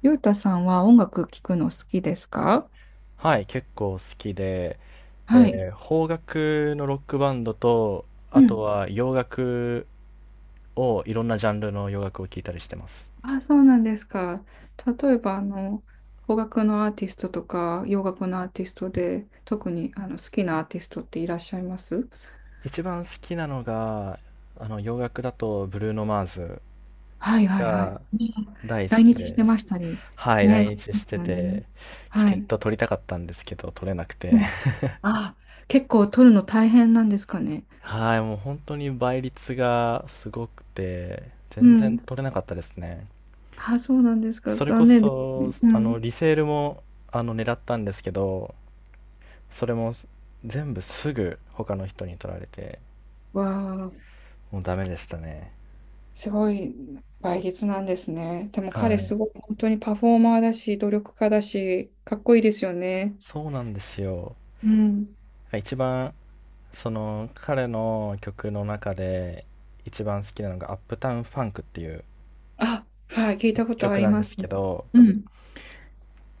ゆうたさんは音楽聴くの好きですか？はい、結構好きで、はい。邦楽のロックバンドと、うあとん。は洋楽を、いろんなジャンルの洋楽を聴いたりしてます。あ、そうなんですか。例えば、あの、邦楽のアーティストとか、洋楽のアーティストで、特にあの好きなアーティストっていらっしゃいます？一番好きなのが、あの洋楽だとブルーノ・マーズはいはいはい。がうん。大好来き日してでましす。たり。はい、ね、で来す日してよね。て、チはケッい。ト取りたかったんですけど、取れなくうて。ん。 あ、結構撮るの大変なんですかね。はい、もう本当に倍率がすごくて、う全然ん。取れなかったですね。あ、そうなんですか。それこ残念ですそ、ね。うん。リセールも、狙ったんですけど、それも全部すぐ他の人に取られて、わあ。もうダメでしたね。すごい倍率なんですね。でもは彼すい、ごい本当にパフォーマーだし、努力家だし、かっこいいですよね。そうなんですよ。うん。一番その彼の曲の中で一番好きなのが「アップタウン・ファンク」っていうあ、はい、聞いたことあ曲りなんまです。すけど、うん。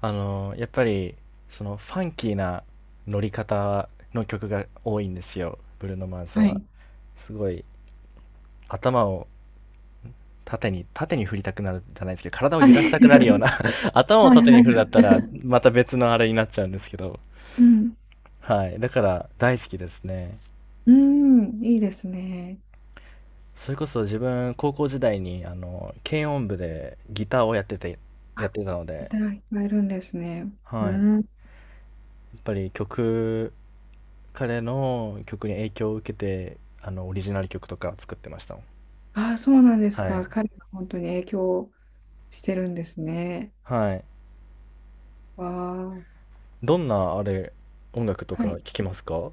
やっぱりそのファンキーな乗り方の曲が多いんですよ、ブルーノ・マーズはは。い。すごい頭を縦に、縦に振りたくなるじゃないですけど、体をは揺い らしたく なるような。 頭をはいは縦にい振るだったはい。ら、また別のあれになっちゃうんですけど、うん。はい。だから、大好きですね。うん、いいですね。それこそ自分、高校時代に、軽音部でギターをやっあ、てたのいで、ただいっいるんですね。うはい。やん。っぱり彼の曲に影響を受けて、オリジナル曲とか作ってましたもん。あ、そうなんですはか。い。彼が本当に影響してるんですね。はい。わあ。どんな、音楽とはか聴い。きますか？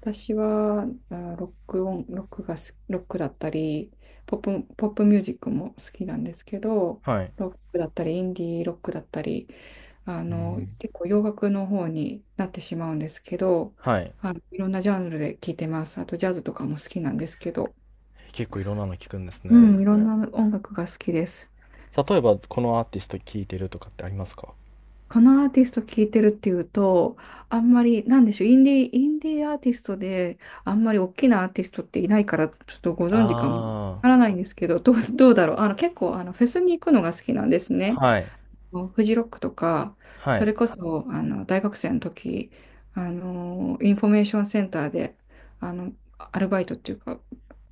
私はあロック音、ロックがす、ロックだったり、ポッポップミュージックも好きなんですけど、はい。ロックだったり、インディーロックだったり、あうの、ん。結構洋楽の方になってしまうんですけど、はい。あの、いろんなジャンルで聴いてます。あとジャズとかも好きなんですけど、結構いろんなの聞くんですうね。ん、いろんな音楽が好きです。例えば、このアーティスト聴いてるとかってありますか？このアーティスト聴いてるっていうと、あんまり、なんでしょう、インディーアーティストで、あんまり大きなアーティストっていないから、ちょっとご存知かもわあからないんですけど、どうだろう。あの、結構、あの、フェスに行くのが好きなんですあ、ね。はい、フジロックとか、はそれい、こそ、あの、大学生の時、あの、インフォメーションセンターで、あの、アルバイトっていうか、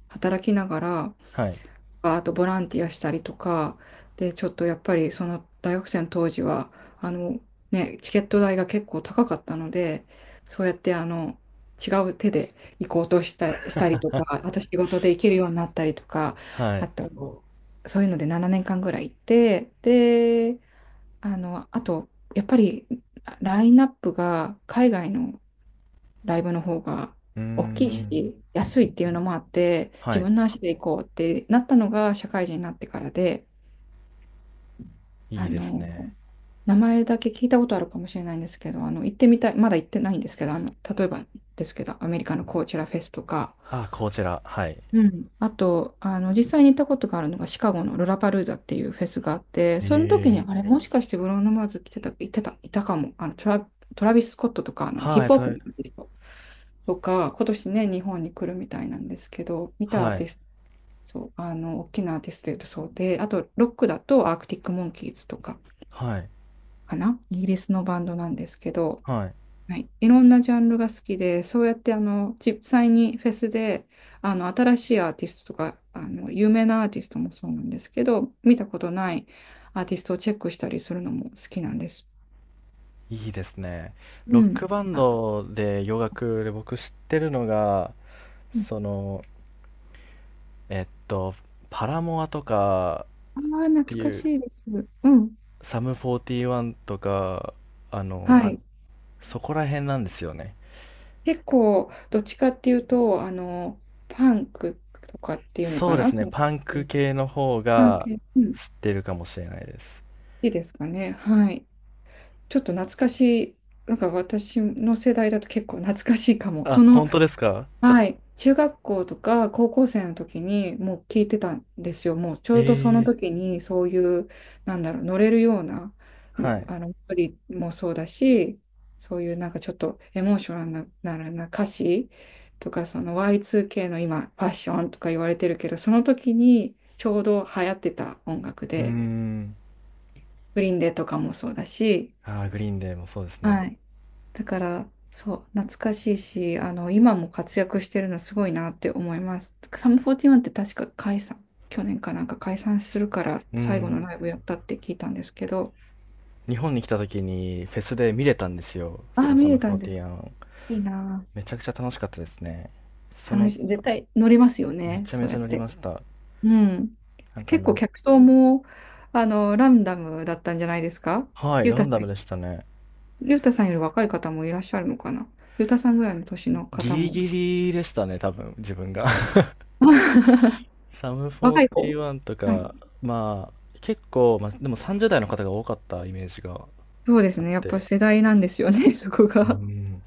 働きながら、はい、あとボランティアしたりとか、で、ちょっとやっぱりその大学生の当時は、あの、ね、チケット代が結構高かったので、そうやってあの、違う手で行こうとしたりとか、あと仕事で行けるようになったりとか、はい。あと、そういうので7年間ぐらい行って、で、あの、あと、やっぱりラインナップが海外のライブの方がうー大きいん、し、安いっていうのもあって、は自い、分の足で行こうってなったのが社会人になってからで、いあいですの、ね。名前だけ聞いたことあるかもしれないんですけど、あの、行ってみたい、まだ行ってないんですけど、あの、例えばですけど、アメリカのコーチェラフェスとか、あ、こちら、はい。うん、あと、あの、実際に行ったことがあるのがシカゴのロラパルーザっていうフェスがあって、えその時うに、え。んあれ、もしかしてブローノ・マーズ来てた、行ってた、いたかも、あの、トラビス・スコットとか、あの、ヒはッい、プホとップはい、の人とか、今年ね、日本に来るみたいなんですけど、見たアーテはィスト、そう、あの、大きなアーティストで言うとそうで、あと、ロックだとアークティック・モンキーズとかい、かな、イギリスのバンドなんですけど、はい、はい、いろんなジャンルが好きで、そうやってあの実際にフェスであの新しいアーティストとかあの有名なアーティストもそうなんですけど、見たことないアーティストをチェックしたりするのも好きなんです。いいですね。うロックん。バンあ、ドで洋楽で僕知ってるのが、うん。その、えっと、パラモアとかあー、っ懐てかいしう、いです。うん。サム41とか、あははの、い。そこら辺なんですよね。結構、どっちかっていうと、あの、パンクとかっていうのそうかでな、すそね、のパンク系の方パンが系、うん、好知ってるかもしれないです。きですかね。はい。ちょっと懐かしい、なんか私の世代だと結構懐かしいかも。そあ、の本当ですか？はい、中学校とか高校生の時にもう聞いてたんですよ。もうちょうどそのええ、時にそういう、なんだろう、乗れるような、むはい。あの、メロディーもそうだし、そういうなんかちょっとエモーショナルな歌詞とか、その Y2K の今、ファッションとか言われてるけど、その時にちょうど流行ってた音楽うーで、ん。グリーンデーとかもそうだし、ああ、グリーンデーもそうですね。はい、だから、そう、懐かしいし、あの、今も活躍してるのすごいなって思います。サムフォーティ4ンって確か解散、去年かなんか解散するからう最後のん。ライブやったって聞いたんですけど、日本に来た時にフェスで見れたんですよ、あそあ、のサ見ムれたフォーんテです。ィアン。いいなめちゃくちゃ楽しかったですね。あ。その、絶対乗りますよめね、ちゃそめうちやゃっ乗りまて。した。うん。なんか結構客層も、あの、ランダムだったんじゃないですか？はい、ゆうラたンさダん、ムでしたね。ゆうたさんより若い方もいらっしゃるのかな、ゆうたさんぐらいの年のギ方リも。ギリでしたね、多分、自分が。サム若い子、41とはい、か、まあ、結構、まあ、でも30代の方が多かったイメージがそうですあっね。やっぱて、世代なんですよね、そこうが。ん。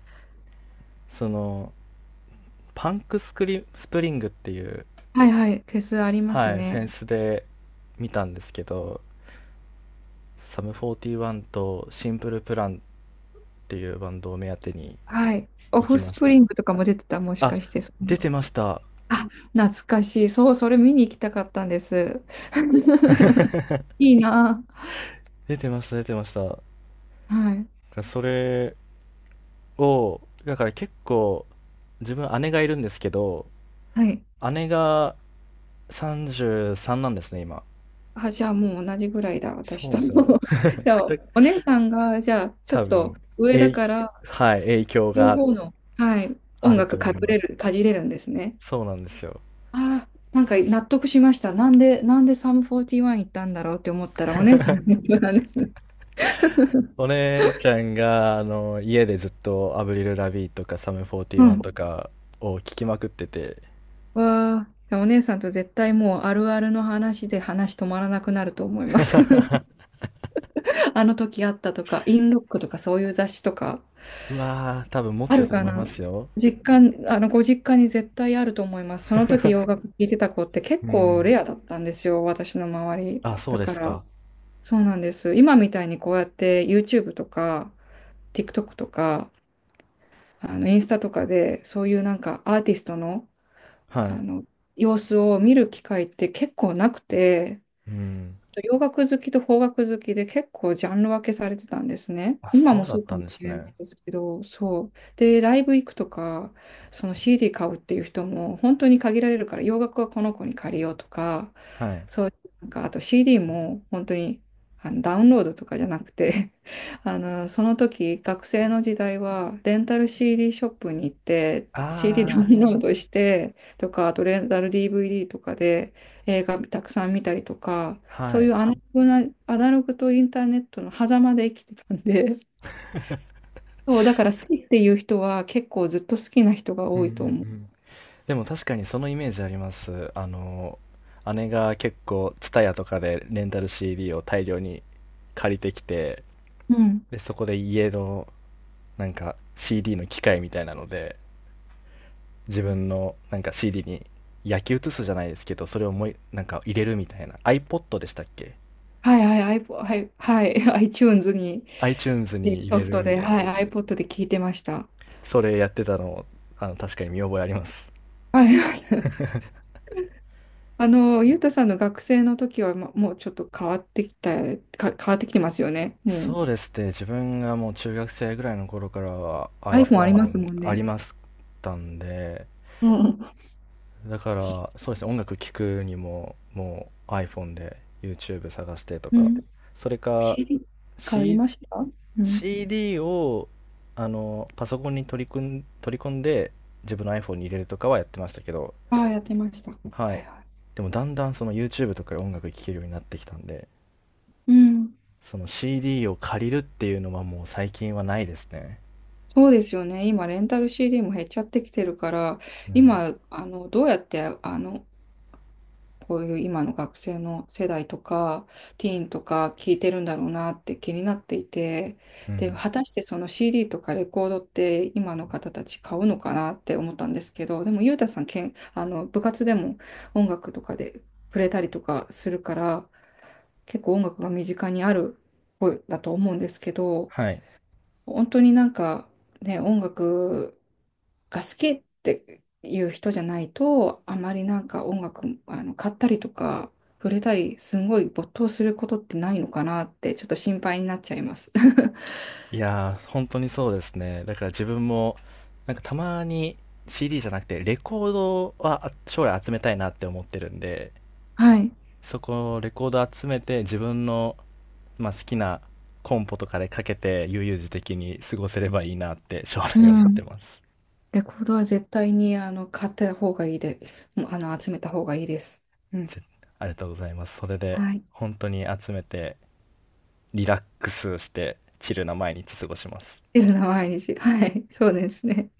その、パンクスクリ、スプリングっていう、はいはい。フェスありますはい、フね。ェンスで見たんですけど、サム41とシンプルプランっていうバンドを目当てにはい。オ行きフまスしプたリね。ングとかも出てた、もしあ、かして。そ出のてました。あ、懐かしい。そう、それ見に行きたかったんです。いいな出てました、出てました。あ。はい。それを、だから結構、自分姉がいるんですけど、はい。姉が33なんですね、今。あ、じゃあもう同じぐらいだ、そ私うなと。んですよ。じゃあ、で、お姉さんが、じゃあ、ちょ多っと分、上だえ、から、はい、影響両が方の、はい、あ音ると楽思います。かじれるんですね。そうなんですよ。ああ、なんか納得しました。なんでサム41行ったんだろうって思ったら、お姉さんの影 響なんですね。お姉ちゃんが、家でずっとアブリル・ラビーとかサムう41とん。かを聞きまくってて、わあ、じゃあお姉さんと絶対もうあるあるの話で話止まらなくなると思います。あの時あったとか、インロックとかそういう雑誌とか、うわー、多分持っあてるたとか思いまな、すよ。実家、あの、ご実家に絶対あると思います。その時洋 楽聴いてた子って結う構ん。レアだったんですよ、私の周り。あ、そうだでかすか。ら、そうなんです。今みたいにこうやって YouTube とか、TikTok とか、あの、インスタとかで、そういうなんかアーティストの、はあい。の、様子を見る機会って結構なくて、うん。洋楽好きと邦楽好きで結構ジャンル分けされてたんですね。あ、今そもうだそうっかたんもでしすれなね。いですけど、そう。で、ライブ行くとか、その CD 買うっていう人も本当に限られるから、洋楽はこの子に借りようとか、はい。そういう、なんか、あと CD も本当にあのダウンロードとかじゃなくて あの、その時、学生の時代は、レンタル CD ショップに行って、CD ダウあンロードしてとか、あとレンタル DVD とかで映画たくさん見たりとか、ー、はそういい。うアナログとインターネットの狭間で生きてたんで、そう、だから好きっていう人は結構ずっと好きな人がうんう多んういと思う。ん。でも確かにそのイメージあります。姉が結構、TSUTAYA とかでレンタル CD を大量に借りてきて、うん。で、そこで家の、なんか、CD の機械みたいなので、自分の、なんか CD に焼き写すじゃないですけど、それをもうなんか入れるみたいな。iPod でしたっけ？ はいはい、iPod、はい、はい、iTunes に iTunes に入ソれフるトみで、たいな。はい、iPod で聞いてました。それやってたの、確かに見覚えあります。はい、あの、ゆうたさんの学生の時は、ま、もうちょっと変わってきてますよね。もう そうですね。自分がもう中学生ぐらいの頃からは iPhone あります iPhone もんありね。ましたんで、うん。だからそうですね、音楽聴くにももう iPhone で YouTube 探してとうか、ん。それか CD 買い C、ました。うん。CD をあのパソコンに取り込んで自分の iPhone に入れるとかはやってましたけど、ああ、やってました。ははい。いはい。でもだんだんその YouTube とかで音楽聴けるようになってきたんで、うん。その CD を借りるっていうのはもう最近はないですね。そうですよね。今、レンタル CD も減っちゃってきてるから、うん今、あの、どうやって、あの、こういう今の学生の世代とか、ティーンとか聞いてるんだろうなって気になっていて、うで、ん。果たしてその CD とかレコードって今の方たち買うのかなって思ったんですけど、でも、ゆうたさん、けん、あの、部活でも音楽とかで触れたりとかするから、結構音楽が身近にある方だと思うんですけど、はい。本当になんか、ね、音楽が好きっていう人じゃないと、あまりなんか音楽、あの、買ったりとか、触れたり、すんごい没頭することってないのかなって、ちょっと心配になっちゃいます。いやー、本当にそうですね。だから自分も、なんかたまに CD じゃなくて、レコードは、将来集めたいなって思ってるんで、はい。そこ、レコード集めて、自分の、まあ、好きなコンポとかでかけて、悠々自適に過ごせればいいなって将う来思ってん。ます。レコードは絶対に、あの、買った方がいいです。もうあの、集めた方がいいです。うん。ぜありがとうございます。それで、はい。っ本当に集めて、リラックスして、チルな毎日過ごします。ていうのは毎日。はい。そうですね。